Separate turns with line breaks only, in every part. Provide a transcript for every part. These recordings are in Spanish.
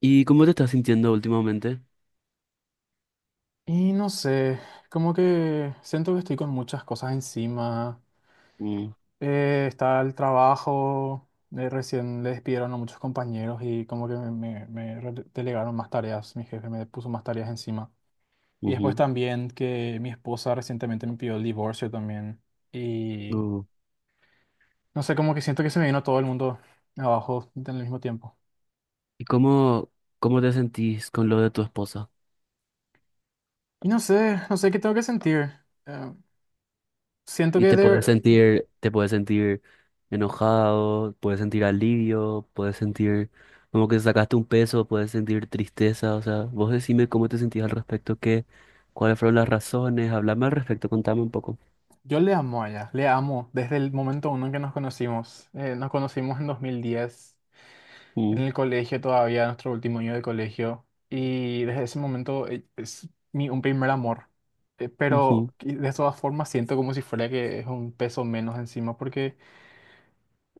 ¿Y cómo te estás sintiendo últimamente?
Y no sé, como que siento que estoy con muchas cosas encima.
Mm,
Está el trabajo, recién le despidieron a muchos compañeros y como que me delegaron más tareas, mi jefe me puso más tareas encima. Y después
ujú,
también que mi esposa recientemente me pidió el divorcio también. Y
uh.
no sé, como que siento que se me vino todo el mundo abajo en el mismo tiempo.
¿Y cómo, cómo te sentís con lo de tu esposa?
Y no sé, no sé qué tengo que sentir. Eh, siento
¿Y
que de, ver-
te puedes sentir enojado, puedes sentir alivio, puedes sentir como que sacaste un peso, puedes sentir tristeza? O sea, vos decime cómo te sentís al respecto, qué, cuáles fueron las razones, hablame al respecto, contame un poco.
Yo le amo a ella, le amo desde el momento uno en que nos conocimos. Nos conocimos en 2010
Mm,
en el colegio todavía, nuestro último año de colegio. Y desde ese momento es un primer amor. Pero
ujú,
y de todas formas siento como si fuera que es un peso menos encima, porque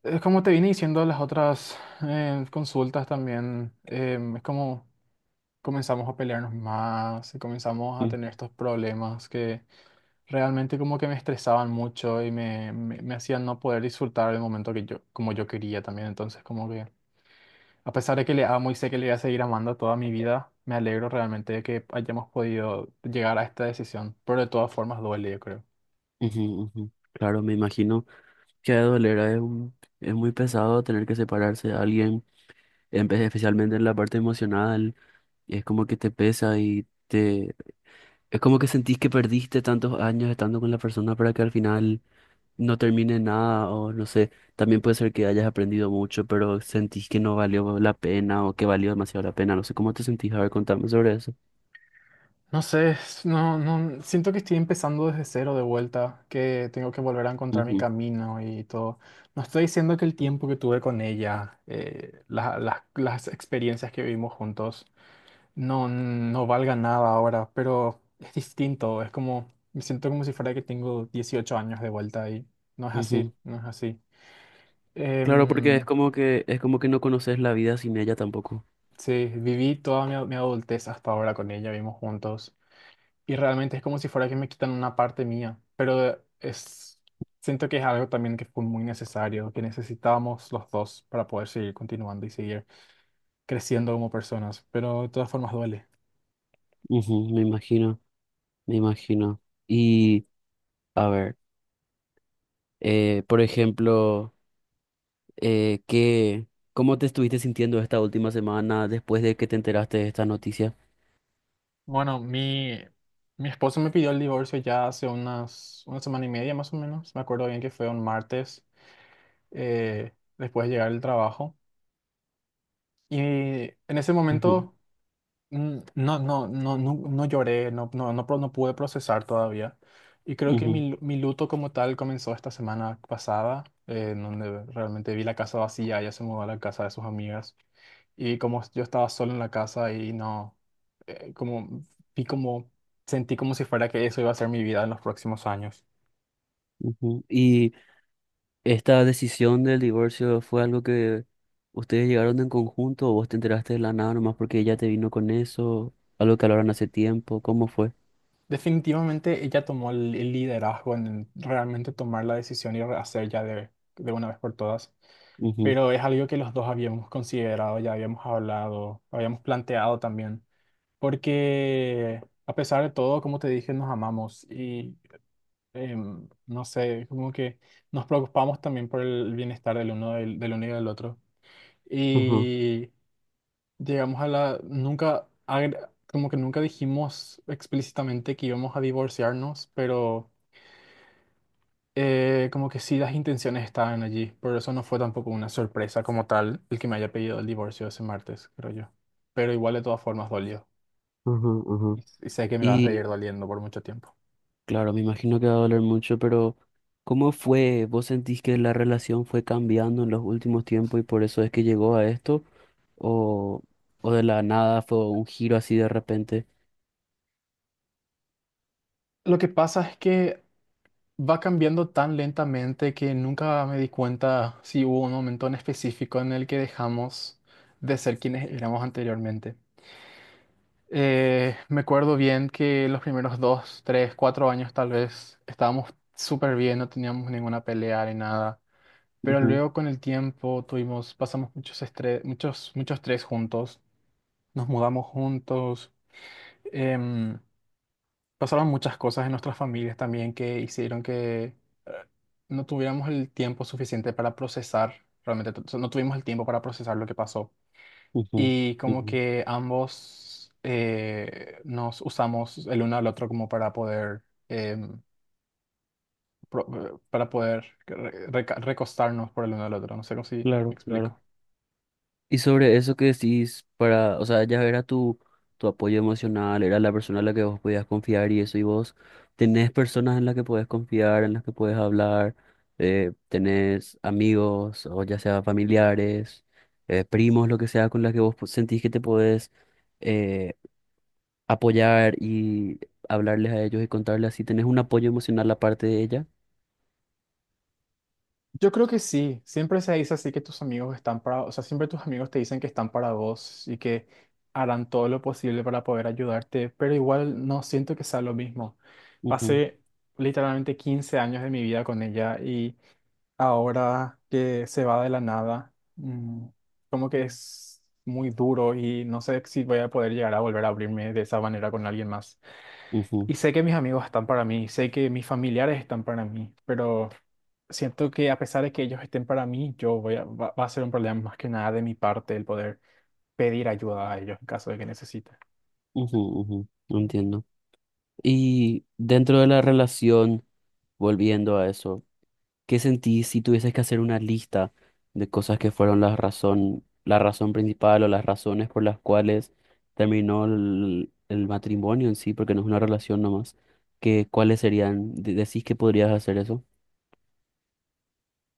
es como te vine diciendo las otras consultas también, es como comenzamos a pelearnos más, y comenzamos a
ujú,
tener estos problemas que... Realmente como que me estresaban mucho y me hacían no poder disfrutar el momento que yo, como yo quería también. Entonces como que, a pesar de que le amo y sé que le voy a seguir amando toda mi vida, me alegro realmente de que hayamos podido llegar a esta decisión. Pero de todas formas duele, yo creo.
ujú, ujú. Claro, me imagino que ha de doler, es un- es muy pesado tener que separarse de alguien especialmente en la parte emocional, es como que te pesa y te... Es como que sentís que perdiste tantos años estando con la persona para que al final no termine nada o no sé, también puede ser que hayas aprendido mucho, pero sentís que no valió la pena o que valió demasiado la pena, no sé cómo te sentís, a ver, contame sobre eso.
No sé, no, no, siento que estoy empezando desde cero de vuelta, que tengo que volver a encontrar mi
Ujú,
camino y todo. No estoy diciendo que el tiempo que tuve con ella, las experiencias que vivimos juntos, no, no valga nada ahora, pero es distinto, es como, me siento como si fuera que tengo 18 años de vuelta y no es así,
ujú.
no es así.
Claro, porque
Em,
es como que no conoces la vida sin ella tampoco.
sí, viví toda mi adultez hasta ahora con ella, vivimos juntos y realmente es como si fuera que me quitan una parte mía, pero es, siento que es algo también que fue muy necesario, que necesitábamos los dos para poder seguir continuando y seguir creciendo como personas, pero de todas formas duele.
Ujú, me imagino, me imagino. Y a ver, por ejemplo... ¿Qué, cómo te estuviste sintiendo esta última semana después de que te enteraste de esta noticia?
Bueno, mi esposo me pidió el divorcio ya hace una semana y media más o menos. Me acuerdo bien que fue un martes eh, después de llegar del trabajo. Y en ese
Ujú,
momento no, no, no, no, no lloré, no, no, no, no pude procesar todavía. Y creo que
ujú,
mi luto como tal comenzó esta semana pasada, en donde realmente vi la casa vacía, ella se mudó a la casa de sus amigas. Y como yo estaba solo en la casa y no, como vi como, sentí como si fuera que eso iba a ser mi vida en los próximos años.
ujú. ¿Y esta decisión del divorcio fue algo que ustedes llegaron en conjunto o vos te enteraste de la nada nomás porque ella te vino con eso? ¿Algo que hablaron hace tiempo? ¿Cómo fue?
Definitivamente ella tomó el liderazgo en realmente tomar la decisión y hacer ya de, una vez por todas.
Ujú,
Pero es algo que los dos habíamos considerado, ya habíamos hablado, habíamos planteado también. Porque a pesar de todo, como te dije, nos amamos y no sé, como que nos preocupamos también por el bienestar del uno, del uno y del otro.
ujú,
Y llegamos a la, nunca, agre- como que nunca dijimos explícitamente que íbamos a divorciarnos, pero como que sí las intenciones estaban allí. Por eso no fue tampoco una sorpresa como tal el que me haya pedido el divorcio ese martes, creo yo. Pero igual de todas formas dolió.
ujú, ujú.
Y sé que me va a seguir
Y
doliendo por mucho tiempo.
claro, me imagino que va a doler mucho, pero ¿cómo fue? ¿Vos sentís que la relación fue cambiando en los últimos tiempos y por eso es que llegó a esto? ¿O, o de la nada fue un giro así de repente?
Lo que pasa es que va cambiando tan lentamente que nunca me di cuenta si hubo un momento en específico en el que dejamos de ser quienes éramos anteriormente. Me acuerdo bien que los primeros dos, tres, cuatro años tal vez estábamos súper bien, no teníamos ninguna pelea ni nada. Pero
Ujú,
luego con el tiempo tuvimos, pasamos muchos estrés, muchos, muchos estrés juntos, nos mudamos juntos, em, pasaron muchas cosas en nuestras familias también que hicieron que eh, no tuviéramos el tiempo suficiente para procesar, realmente no tuvimos el tiempo para procesar lo que pasó
ujú,
y como
ujú.
que ambos nos usamos el uno al otro como para poder em, para poder recostarnos por el uno al otro. No sé cómo si me
Claro, claro.
explico.
Y sobre eso que decís, para, o sea, ya era tu, tu apoyo emocional, era la persona en la que vos podías confiar y eso, y vos tenés personas en las que podés confiar, en las que podés hablar, tenés amigos, o ya sea familiares, primos, lo que sea, con las que vos sentís que te podés eh, apoyar y hablarles a ellos y contarles así, tenés un apoyo emocional aparte de ella.
Yo creo que sí, siempre se dice así que tus amigos están para, o sea, siempre tus amigos te dicen que están para vos y que harán todo lo posible para poder ayudarte, pero igual no siento que sea lo mismo.
Ujú,
Pasé literalmente 15 años de mi vida con ella y ahora que se va de la nada, como que es muy duro y no sé si voy a poder llegar a volver a abrirme de esa manera con alguien más.
ujú,
Y sé que mis amigos están para mí, sé que mis familiares están para mí, pero siento que a pesar de que ellos estén para mí, yo voy a, va, va a ser un problema más que nada de mi parte el poder pedir ayuda a ellos en caso de que necesite.
ujú, ujú, no entiendo. Y dentro de la relación, volviendo a eso, ¿qué sentís si tuvieses que hacer una lista de cosas que fueron la razón principal o las razones por las cuales terminó el matrimonio en sí, porque no es una relación nomás? ¿Qué, cuáles serían? ¿Decís que podrías hacer eso?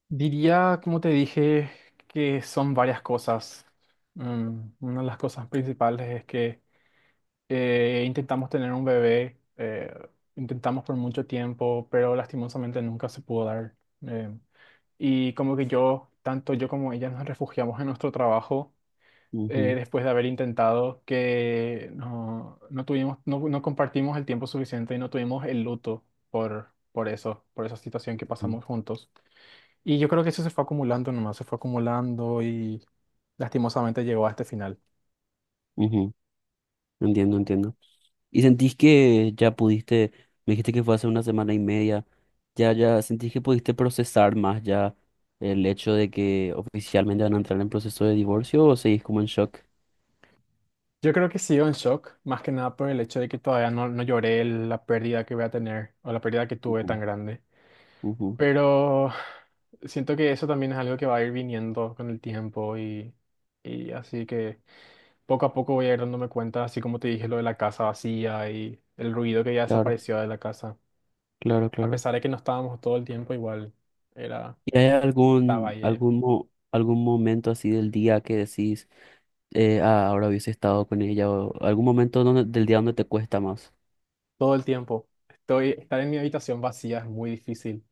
Diría, como te dije, que son varias cosas. Una de las cosas principales es que intentamos tener un bebé, intentamos por mucho tiempo, pero lastimosamente nunca se pudo dar. eh, y como que yo, tanto yo como ella, nos refugiamos en nuestro trabajo
Ujú,
después de haber intentado que no, no tuvimos, no, no compartimos el tiempo suficiente y no tuvimos el luto por eso, por esa situación que
ujú,
pasamos juntos. Y yo creo que eso se fue acumulando nomás, se fue acumulando y lastimosamente llegó a este final.
ujú, entiendo, entiendo. ¿Y sentís que ya pudiste, me dijiste que fue hace una semana y media, ya, ya sentís que pudiste procesar más ya el hecho de que oficialmente van a entrar en proceso de divorcio o seguís como en shock?
Yo creo que sigo en shock, más que nada por el hecho de que todavía no, no lloré la pérdida que voy a tener o la pérdida que tuve
Ujú,
tan grande.
ujú,
Pero siento que eso también es algo que va a ir viniendo con el tiempo y así que poco a poco voy a ir dándome cuenta, así como te dije lo de la casa vacía y el ruido que ya
claro,
desapareció de la casa.
claro,
A
claro.
pesar de que no estábamos todo el tiempo, igual era,
¿Y hay
estaba
algún,
ahí ella.
algún, algún momento así del día que decís, ahora hubiese estado con ella o algún momento del día donde te cuesta más?
Todo el tiempo. Estoy, estar en mi habitación vacía es muy difícil.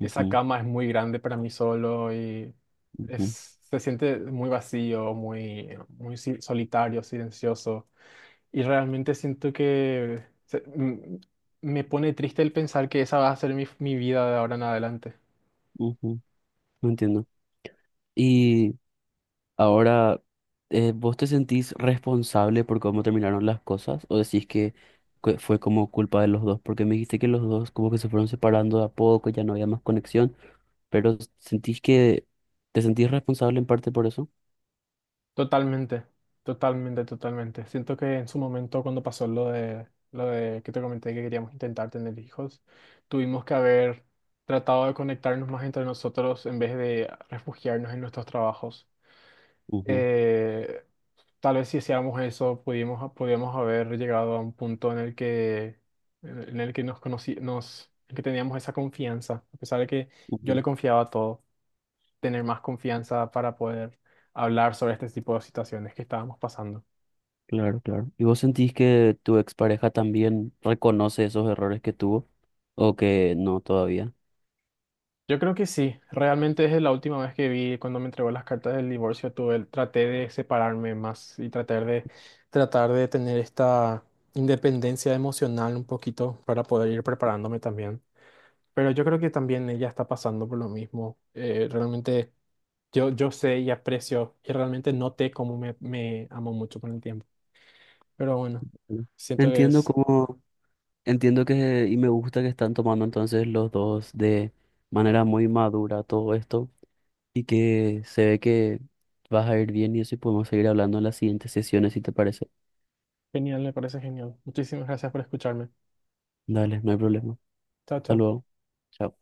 Esa cama es muy grande para mí solo y
ujú,
es, se siente muy vacío, muy, solitario, silencioso. Y realmente siento que me pone triste el pensar que esa va a ser mi, mi vida de ahora en adelante.
ujú, no entiendo. Y ahora, ¿vos te sentís responsable por cómo terminaron las cosas? ¿O decís que fue como culpa de los dos? Porque me dijiste que los dos como que se fueron separando de a poco, ya no había más conexión, pero ¿sentís que te sentís responsable en parte por eso?
Totalmente, totalmente, totalmente. Siento que en su momento cuando pasó lo de que te comenté que queríamos intentar tener hijos, tuvimos que haber tratado de conectarnos más entre nosotros en vez de refugiarnos en nuestros trabajos.
Ujú,
eh, Tal vez si hacíamos eso, pudimos, podíamos haber llegado a un punto en el que nos conocí, nos, en que teníamos esa confianza, a pesar de que yo
ujú,
le confiaba todo, tener más confianza para poder hablar sobre este tipo de situaciones que estábamos pasando.
claro, claro. ¿Y vos sentís que tu expareja también reconoce esos errores que tuvo? ¿O que no todavía?
Yo creo que sí, realmente desde la última vez que vi, cuando me entregó las cartas del divorcio, tuve, traté de separarme más y tratar de tener esta independencia emocional un poquito para poder ir preparándome también. Pero yo creo que también ella está pasando por lo mismo. Realmente yo sé y aprecio y realmente noté cómo me amó mucho con el tiempo. Pero bueno,
Mm.
siento que
Entiendo
es
cómo... Entiendo que, y me gusta que están tomando entonces los dos de manera muy madura todo esto y que se ve que vas a ir bien y eso y podemos seguir hablando en las siguientes sesiones si te parece.
genial, me parece genial. Muchísimas gracias por escucharme.
Dale, no hay problema.
Chao,
Hasta
chao.
luego. Chao.